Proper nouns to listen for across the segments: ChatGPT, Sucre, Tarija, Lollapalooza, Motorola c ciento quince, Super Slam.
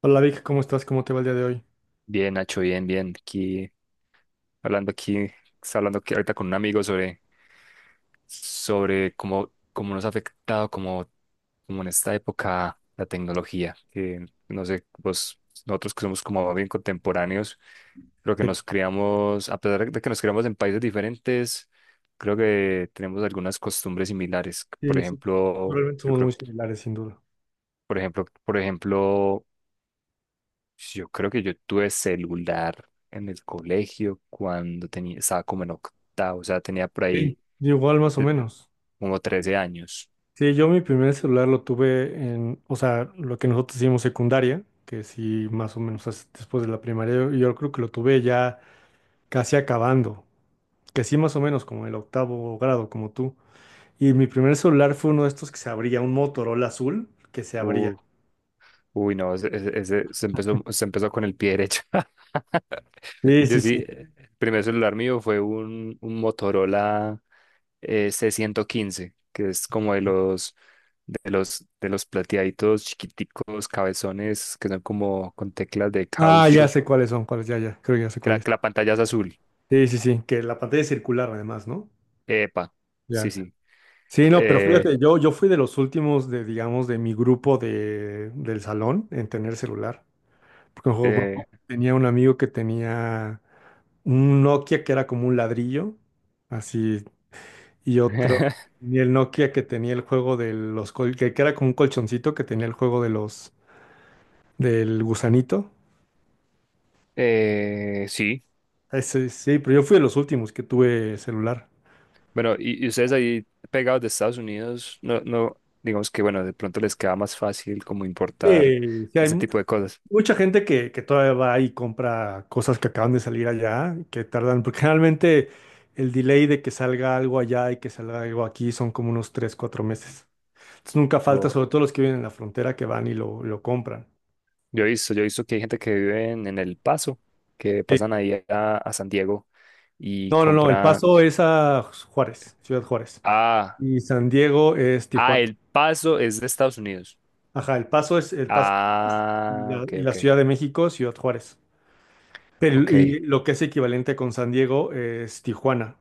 Hola Vic, ¿cómo estás? ¿Cómo te va el día de hoy? Bien, Nacho, bien, bien. Aquí hablando aquí, está hablando aquí ahorita con un amigo sobre cómo nos ha afectado como en esta época la tecnología. Que no sé, vos, nosotros que somos como bien contemporáneos, creo que Sí, nos criamos en países diferentes, creo que tenemos algunas costumbres similares. Por sí, sí. ejemplo, Realmente yo somos creo, muy similares, sin duda. Por ejemplo, Pues, Yo creo que yo tuve celular en el colegio cuando estaba como en octavo, o sea, tenía por ahí Sí. Igual más o de- menos. como 13 años. Sí, yo mi primer celular lo tuve en, o sea, lo que nosotros hicimos secundaria, que sí, más o menos después de la primaria, yo creo que lo tuve ya casi acabando, que sí, más o menos como el octavo grado, como tú. Y mi primer celular fue uno de estos que se abría, un Motorola azul que se abría. Uh, no, se empezó con el pie derecho. Sí, Yo sí, sí, sí. El primer celular mío fue un Motorola c ciento quince, que es como de de los plateaditos chiquiticos, cabezones, que son como con teclas de Ah, ya caucho, sé cuáles son, cuáles, ya, ya, creo que ya sé que cuáles. La pantalla es azul. Sí, sí, sí, que la pantalla es circular además, ¿no? Epa, sí, Ya. sí. Sí, no, pero Eh, fíjate, yo fui de los últimos de, digamos, de mi grupo de, del salón en tener celular. Porque me acuerdo, eh, tenía un amigo que tenía un Nokia que era como un ladrillo, así, y otro, y el Nokia que tenía el juego de los, que era como un colchoncito que tenía el juego de los, del gusanito. Sí, Ese, sí, pero yo fui de los últimos que tuve celular. bueno, y ustedes ahí pegados de Estados Unidos, no, no, digamos que, bueno, de pronto les queda más fácil como importar Sí, sí, ese hay tipo de cosas. mucha gente que todavía va y compra cosas que acaban de salir allá, que tardan, porque generalmente el delay de que salga algo allá y que salga algo aquí son como unos 3 4 meses. Entonces nunca falta, O sobre todo los que viven en la frontera, que van y lo compran. Yo he visto que hay gente que vive en El Paso, que Sí. pasan ahí a San Diego y No, no, no, El compran. Paso es a Juárez, Ciudad Juárez. Ah, Y San Diego es Tijuana. El Paso es de Estados Unidos. Ajá, El Paso es El Paso, Texas, Ah, ok, y la ok, Ciudad de México, Ciudad Juárez. Pero, y ok. lo que es equivalente con San Diego es Tijuana.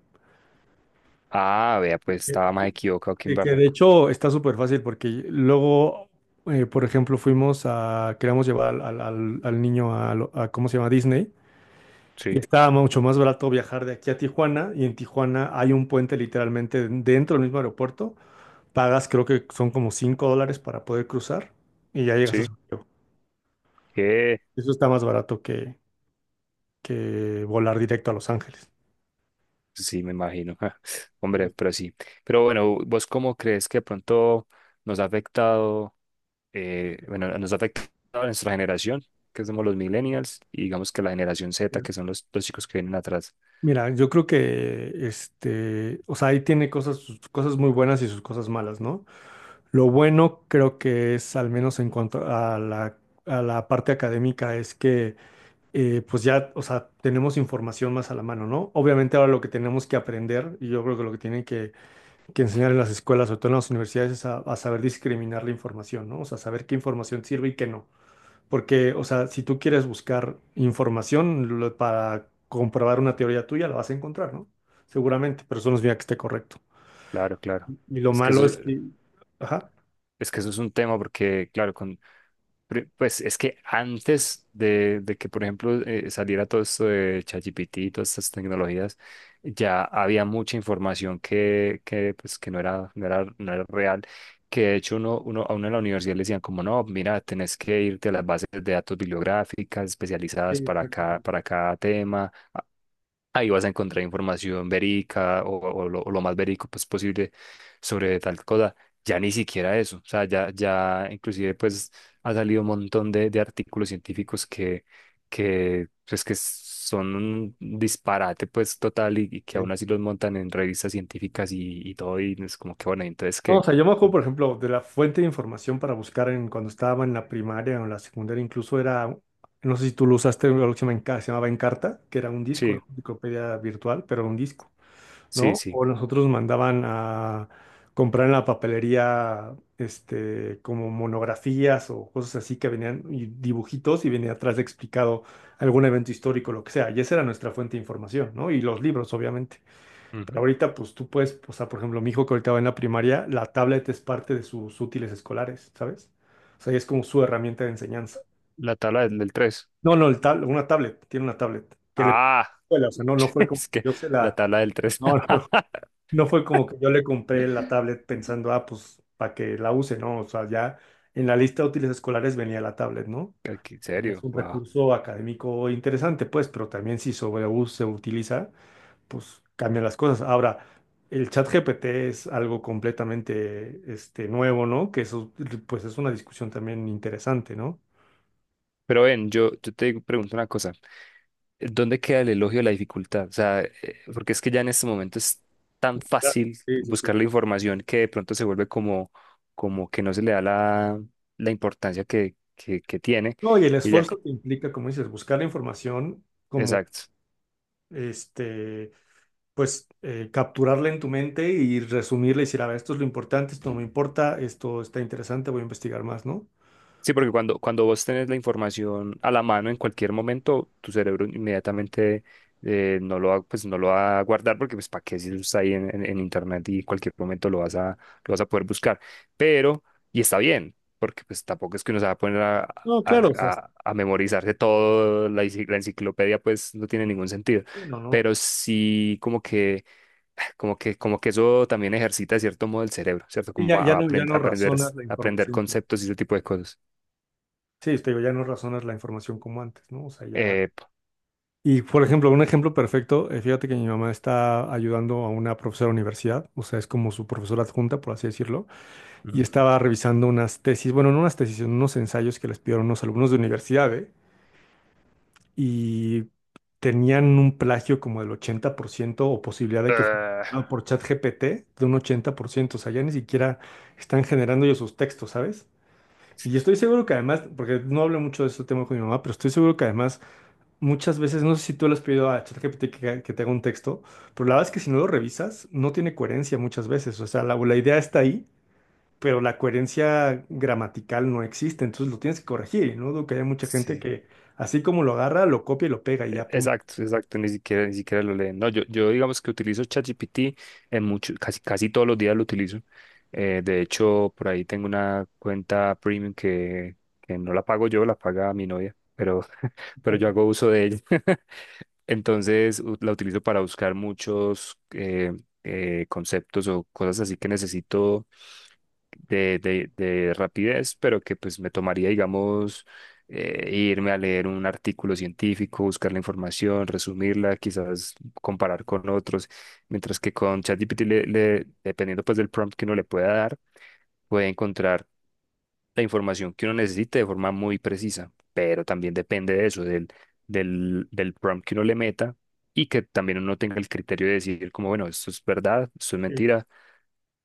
Ah, vea, pues estaba más equivocado que un Y que de barraco. hecho está súper fácil porque luego, por ejemplo, fuimos a, queríamos llevar al, al niño a, a, ¿cómo se llama? Disney. Y Sí. estaba mucho más barato viajar de aquí a Tijuana. Y en Tijuana hay un puente literalmente dentro del mismo aeropuerto. Pagas, creo que son como 5 dólares para poder cruzar. Y ya llegas a Sí. San Diego. Que Eso está más barato que volar directo a Los Ángeles. sí, me imagino. Hombre, Sí. pero sí. Pero bueno, ¿vos cómo crees que de pronto nos ha afectado a nuestra generación, que somos los millennials, y digamos que la generación Z, que son los chicos que vienen atrás? Mira, yo creo que este, o sea, ahí tiene cosas, sus cosas muy buenas y sus cosas malas, ¿no? Lo bueno creo que es, al menos en cuanto a la parte académica, es que pues ya, o sea, tenemos información más a la mano, ¿no? Obviamente ahora lo que tenemos que aprender, y yo creo que lo que tienen que enseñar en las escuelas, sobre todo en las universidades, es a saber discriminar la información, ¿no? O sea, saber qué información sirve y qué no. Porque, o sea, si tú quieres buscar información para comprobar una teoría tuya, la vas a encontrar, ¿no? Seguramente, pero eso no significa que esté correcto. Claro, claro. Y lo Es que eso, malo es que... Ajá. es que eso es un tema porque, claro, con Pues es que antes de que, por ejemplo, saliera todo esto de ChatGPT y todas estas tecnologías, ya había mucha información que no era real, que de hecho a uno en la universidad le decían como, no, mira, tenés que irte a las bases de datos bibliográficas Sí, especializadas para exacto. Para cada tema. Ahí vas a encontrar información o o lo más verídico pues, posible sobre tal cosa. Ya ni siquiera eso. O sea, ya, ya inclusive pues ha salido un montón de artículos científicos que son un disparate pues total y que aún así los montan en revistas científicas y todo y es como que bueno, entonces No, o que sea, yo me acuerdo, por ejemplo, de la fuente de información para buscar en, cuando estaba en la primaria o en la secundaria, incluso era, no sé si tú lo usaste, algo que se llama se llamaba Encarta, que era un disco, era sí, una enciclopedia virtual, pero un disco, sí, ¿no? sí. O nosotros mandaban a comprar en la papelería, este, como monografías o cosas así que venían, y dibujitos, y venía atrás explicado algún evento histórico, lo que sea, y esa era nuestra fuente de información, ¿no? Y los libros, obviamente. Pero Ujú. ahorita, pues tú puedes, o sea, por ejemplo, mi hijo que ahorita va en la primaria, la tablet es parte de sus útiles escolares, ¿sabes? O sea, y es como su herramienta de enseñanza. La tabla del 3. No, no, el una tablet, tiene una tablet que le Ah, escuela, o sea, no, no fue como es que yo se la la, tabla del tres. no, no, no fue como que yo le compré la tablet pensando, ah, pues para que la use, ¿no? O sea, ya en la lista de útiles escolares venía la tablet, ¿no? ¿En Ya es serio? un Wow. recurso académico interesante, pues, pero también si sobre se utiliza, pues cambian las cosas. Ahora, el chat GPT es algo completamente este, nuevo, ¿no? Que eso, pues es una discusión también interesante, ¿no? Pero ven, yo te pregunto una cosa. ¿Dónde queda el elogio de la dificultad? O sea, porque es que ya en este momento es tan Claro, fácil sí, sí, sí. buscar la información que de pronto se vuelve como que no se le da la importancia que tiene. No, y el Y ya, esfuerzo que implica, como dices, buscar la información, como exacto. este, pues capturarla en tu mente y resumirla y decir, a ver, esto es lo importante, esto no me importa, esto está interesante, voy a investigar más, ¿no? Sí, porque cuando vos tenés la información a la mano en cualquier momento, tu cerebro inmediatamente no lo va a guardar porque pues para qué si eso está ahí en internet y en cualquier momento lo vas lo vas a poder buscar. Pero, y está bien, porque pues tampoco es que uno se va a poner No, claro, o sea, sí, a memorizarse todo, la enciclopedia pues no tiene ningún sentido. no, no. Pero sí como que eso también ejercita de cierto modo el cerebro, ¿cierto? Y Como ya, ya no, ya no aprender, razonas la aprender información. Conceptos y ese tipo de cosas. Sí, te digo, ya no razonas la información como antes, ¿no? O sea, ya. Eh, Y, por ejemplo, un ejemplo perfecto, fíjate que mi mamá está ayudando a una profesora de universidad, o sea, es como su profesora adjunta, por así decirlo, y Ujú. estaba revisando unas tesis, bueno, no unas tesis, sino unos ensayos que les pidieron unos alumnos de universidad, ¿eh? Y tenían un plagio como del 80% o posibilidad de que Ah, fuera por ChatGPT de un 80%, o sea, ya ni siquiera están generando ellos sus textos, ¿sabes? Y estoy seguro que además, porque no hablo mucho de este tema con mi mamá, pero estoy seguro que además muchas veces, no sé si tú le has pedido a ChatGPT que te haga un texto, pero la verdad es que si no lo revisas, no tiene coherencia muchas veces. O sea, la idea está ahí, pero la coherencia gramatical no existe, entonces lo tienes que corregir. Y no dudo que haya mucha gente sí, que, así como lo agarra, lo copia y lo pega y ya, punto. exacto, exacto, ni siquiera, ni siquiera lo leen. No, yo digamos que utilizo ChatGPT casi, casi todos los días lo utilizo. De hecho, por ahí tengo una cuenta premium que no la pago yo, la paga mi novia, pero, pero yo hago uso de ella. Entonces, la utilizo para buscar muchos conceptos o cosas así que necesito de rapidez, pero que pues me tomaría, digamos, irme a leer un artículo científico, buscar la información, resumirla, quizás comparar con otros, mientras que con ChatGPT, dependiendo pues del prompt que uno le pueda dar, puede encontrar la información que uno necesite de forma muy precisa, pero también depende de eso, del prompt que uno le meta y que también uno tenga el criterio de decir como, bueno, esto es verdad, esto es Sí, mentira.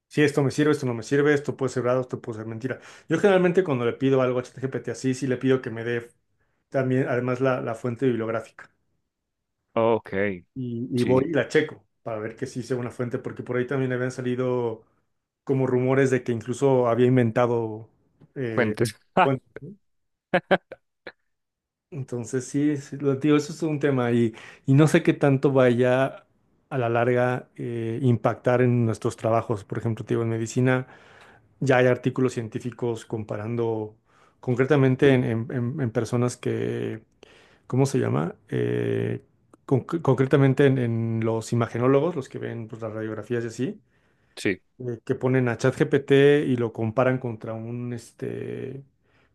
sí, esto me sirve, esto no me sirve, esto puede ser verdad, esto puede ser mentira. Yo generalmente cuando le pido algo a ChatGPT así, sí le pido que me dé también, además, la fuente bibliográfica. Ok, Y voy sí, y la checo para ver que sí sea una fuente, porque por ahí también habían salido como rumores de que incluso había inventado, eh, fuentes. bueno, entonces sí, sí, lo digo, eso es un tema y no sé qué tanto vaya a la larga impactar en nuestros trabajos. Por ejemplo, te digo, en medicina ya hay artículos científicos comparando concretamente en, en personas que, ¿cómo se llama? Concretamente en los imagenólogos, los que ven pues, las radiografías y así Sí, que ponen a ChatGPT y lo comparan contra un, este,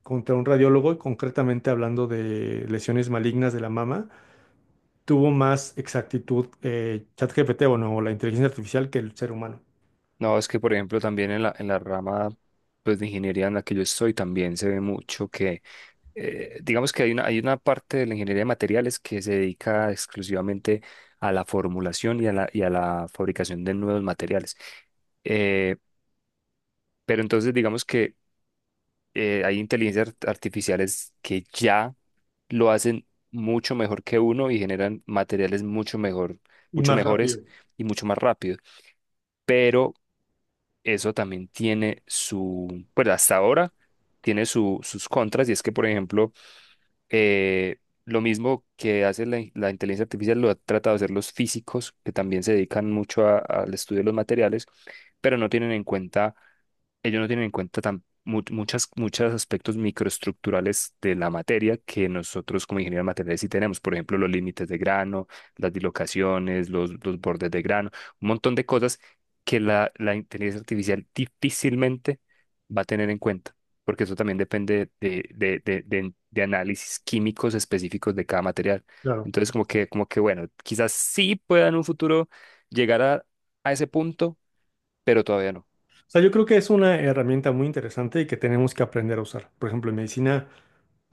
contra un radiólogo, y concretamente hablando de lesiones malignas de la mama, tuvo más exactitud ChatGPT, bueno, o la inteligencia artificial que el ser humano. no, es que por ejemplo también en en la rama pues, de ingeniería en la que yo estoy también se ve mucho que digamos que hay hay una parte de la ingeniería de materiales que se dedica exclusivamente a la formulación y a la fabricación de nuevos materiales. Eh, pero entonces digamos que hay inteligencias artificiales que ya lo hacen mucho mejor que uno y generan materiales mucho mejor, Y mucho más rápido, mejores y mucho más rápido. Pero eso también tiene su, pues hasta ahora tiene su, sus contras, y es que, por ejemplo, eh, lo mismo que hace la, la inteligencia artificial lo ha tratado de hacer los físicos, que también se dedican mucho al estudio de los materiales, pero no tienen en cuenta, ellos no tienen en cuenta muchos aspectos microestructurales de la materia que nosotros como ingenieros materiales sí tenemos. Por ejemplo, los límites de grano, las dislocaciones, los bordes de grano, un montón de cosas que la inteligencia artificial difícilmente va a tener en cuenta porque eso también depende de análisis químicos específicos de cada material. claro. Entonces, bueno, quizás sí pueda en un futuro llegar a ese punto, pero todavía no. O sea, yo creo que es una herramienta muy interesante y que tenemos que aprender a usar. Por ejemplo, en medicina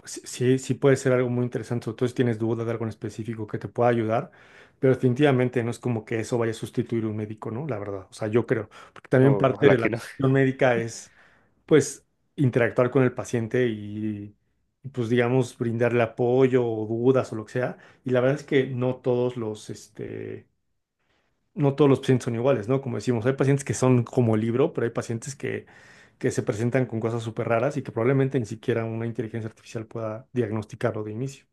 sí, sí sí puede ser algo muy interesante, sobre todo si tienes duda de algo en específico que te pueda ayudar, pero definitivamente no es como que eso vaya a sustituir un médico, ¿no? La verdad, o sea, yo creo, porque también No, parte ojalá de la que no. cuestión médica es, pues, interactuar con el paciente y, pues, digamos, brindarle apoyo o dudas o lo que sea, y la verdad es que no todos los, este, no todos los pacientes son iguales, ¿no? Como decimos, hay pacientes que son como libro, pero hay pacientes que se presentan con cosas súper raras y que probablemente ni siquiera una inteligencia artificial pueda diagnosticarlo de inicio.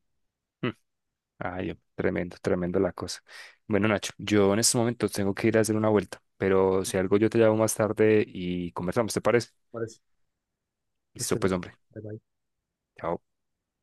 Ay, tremendo, tremendo la cosa. Bueno, Nacho, yo en este momento tengo que ir a hacer una vuelta, pero si algo yo te llamo más tarde y conversamos, ¿te parece? Parece que Listo, estoy- pues, hombre. Chao.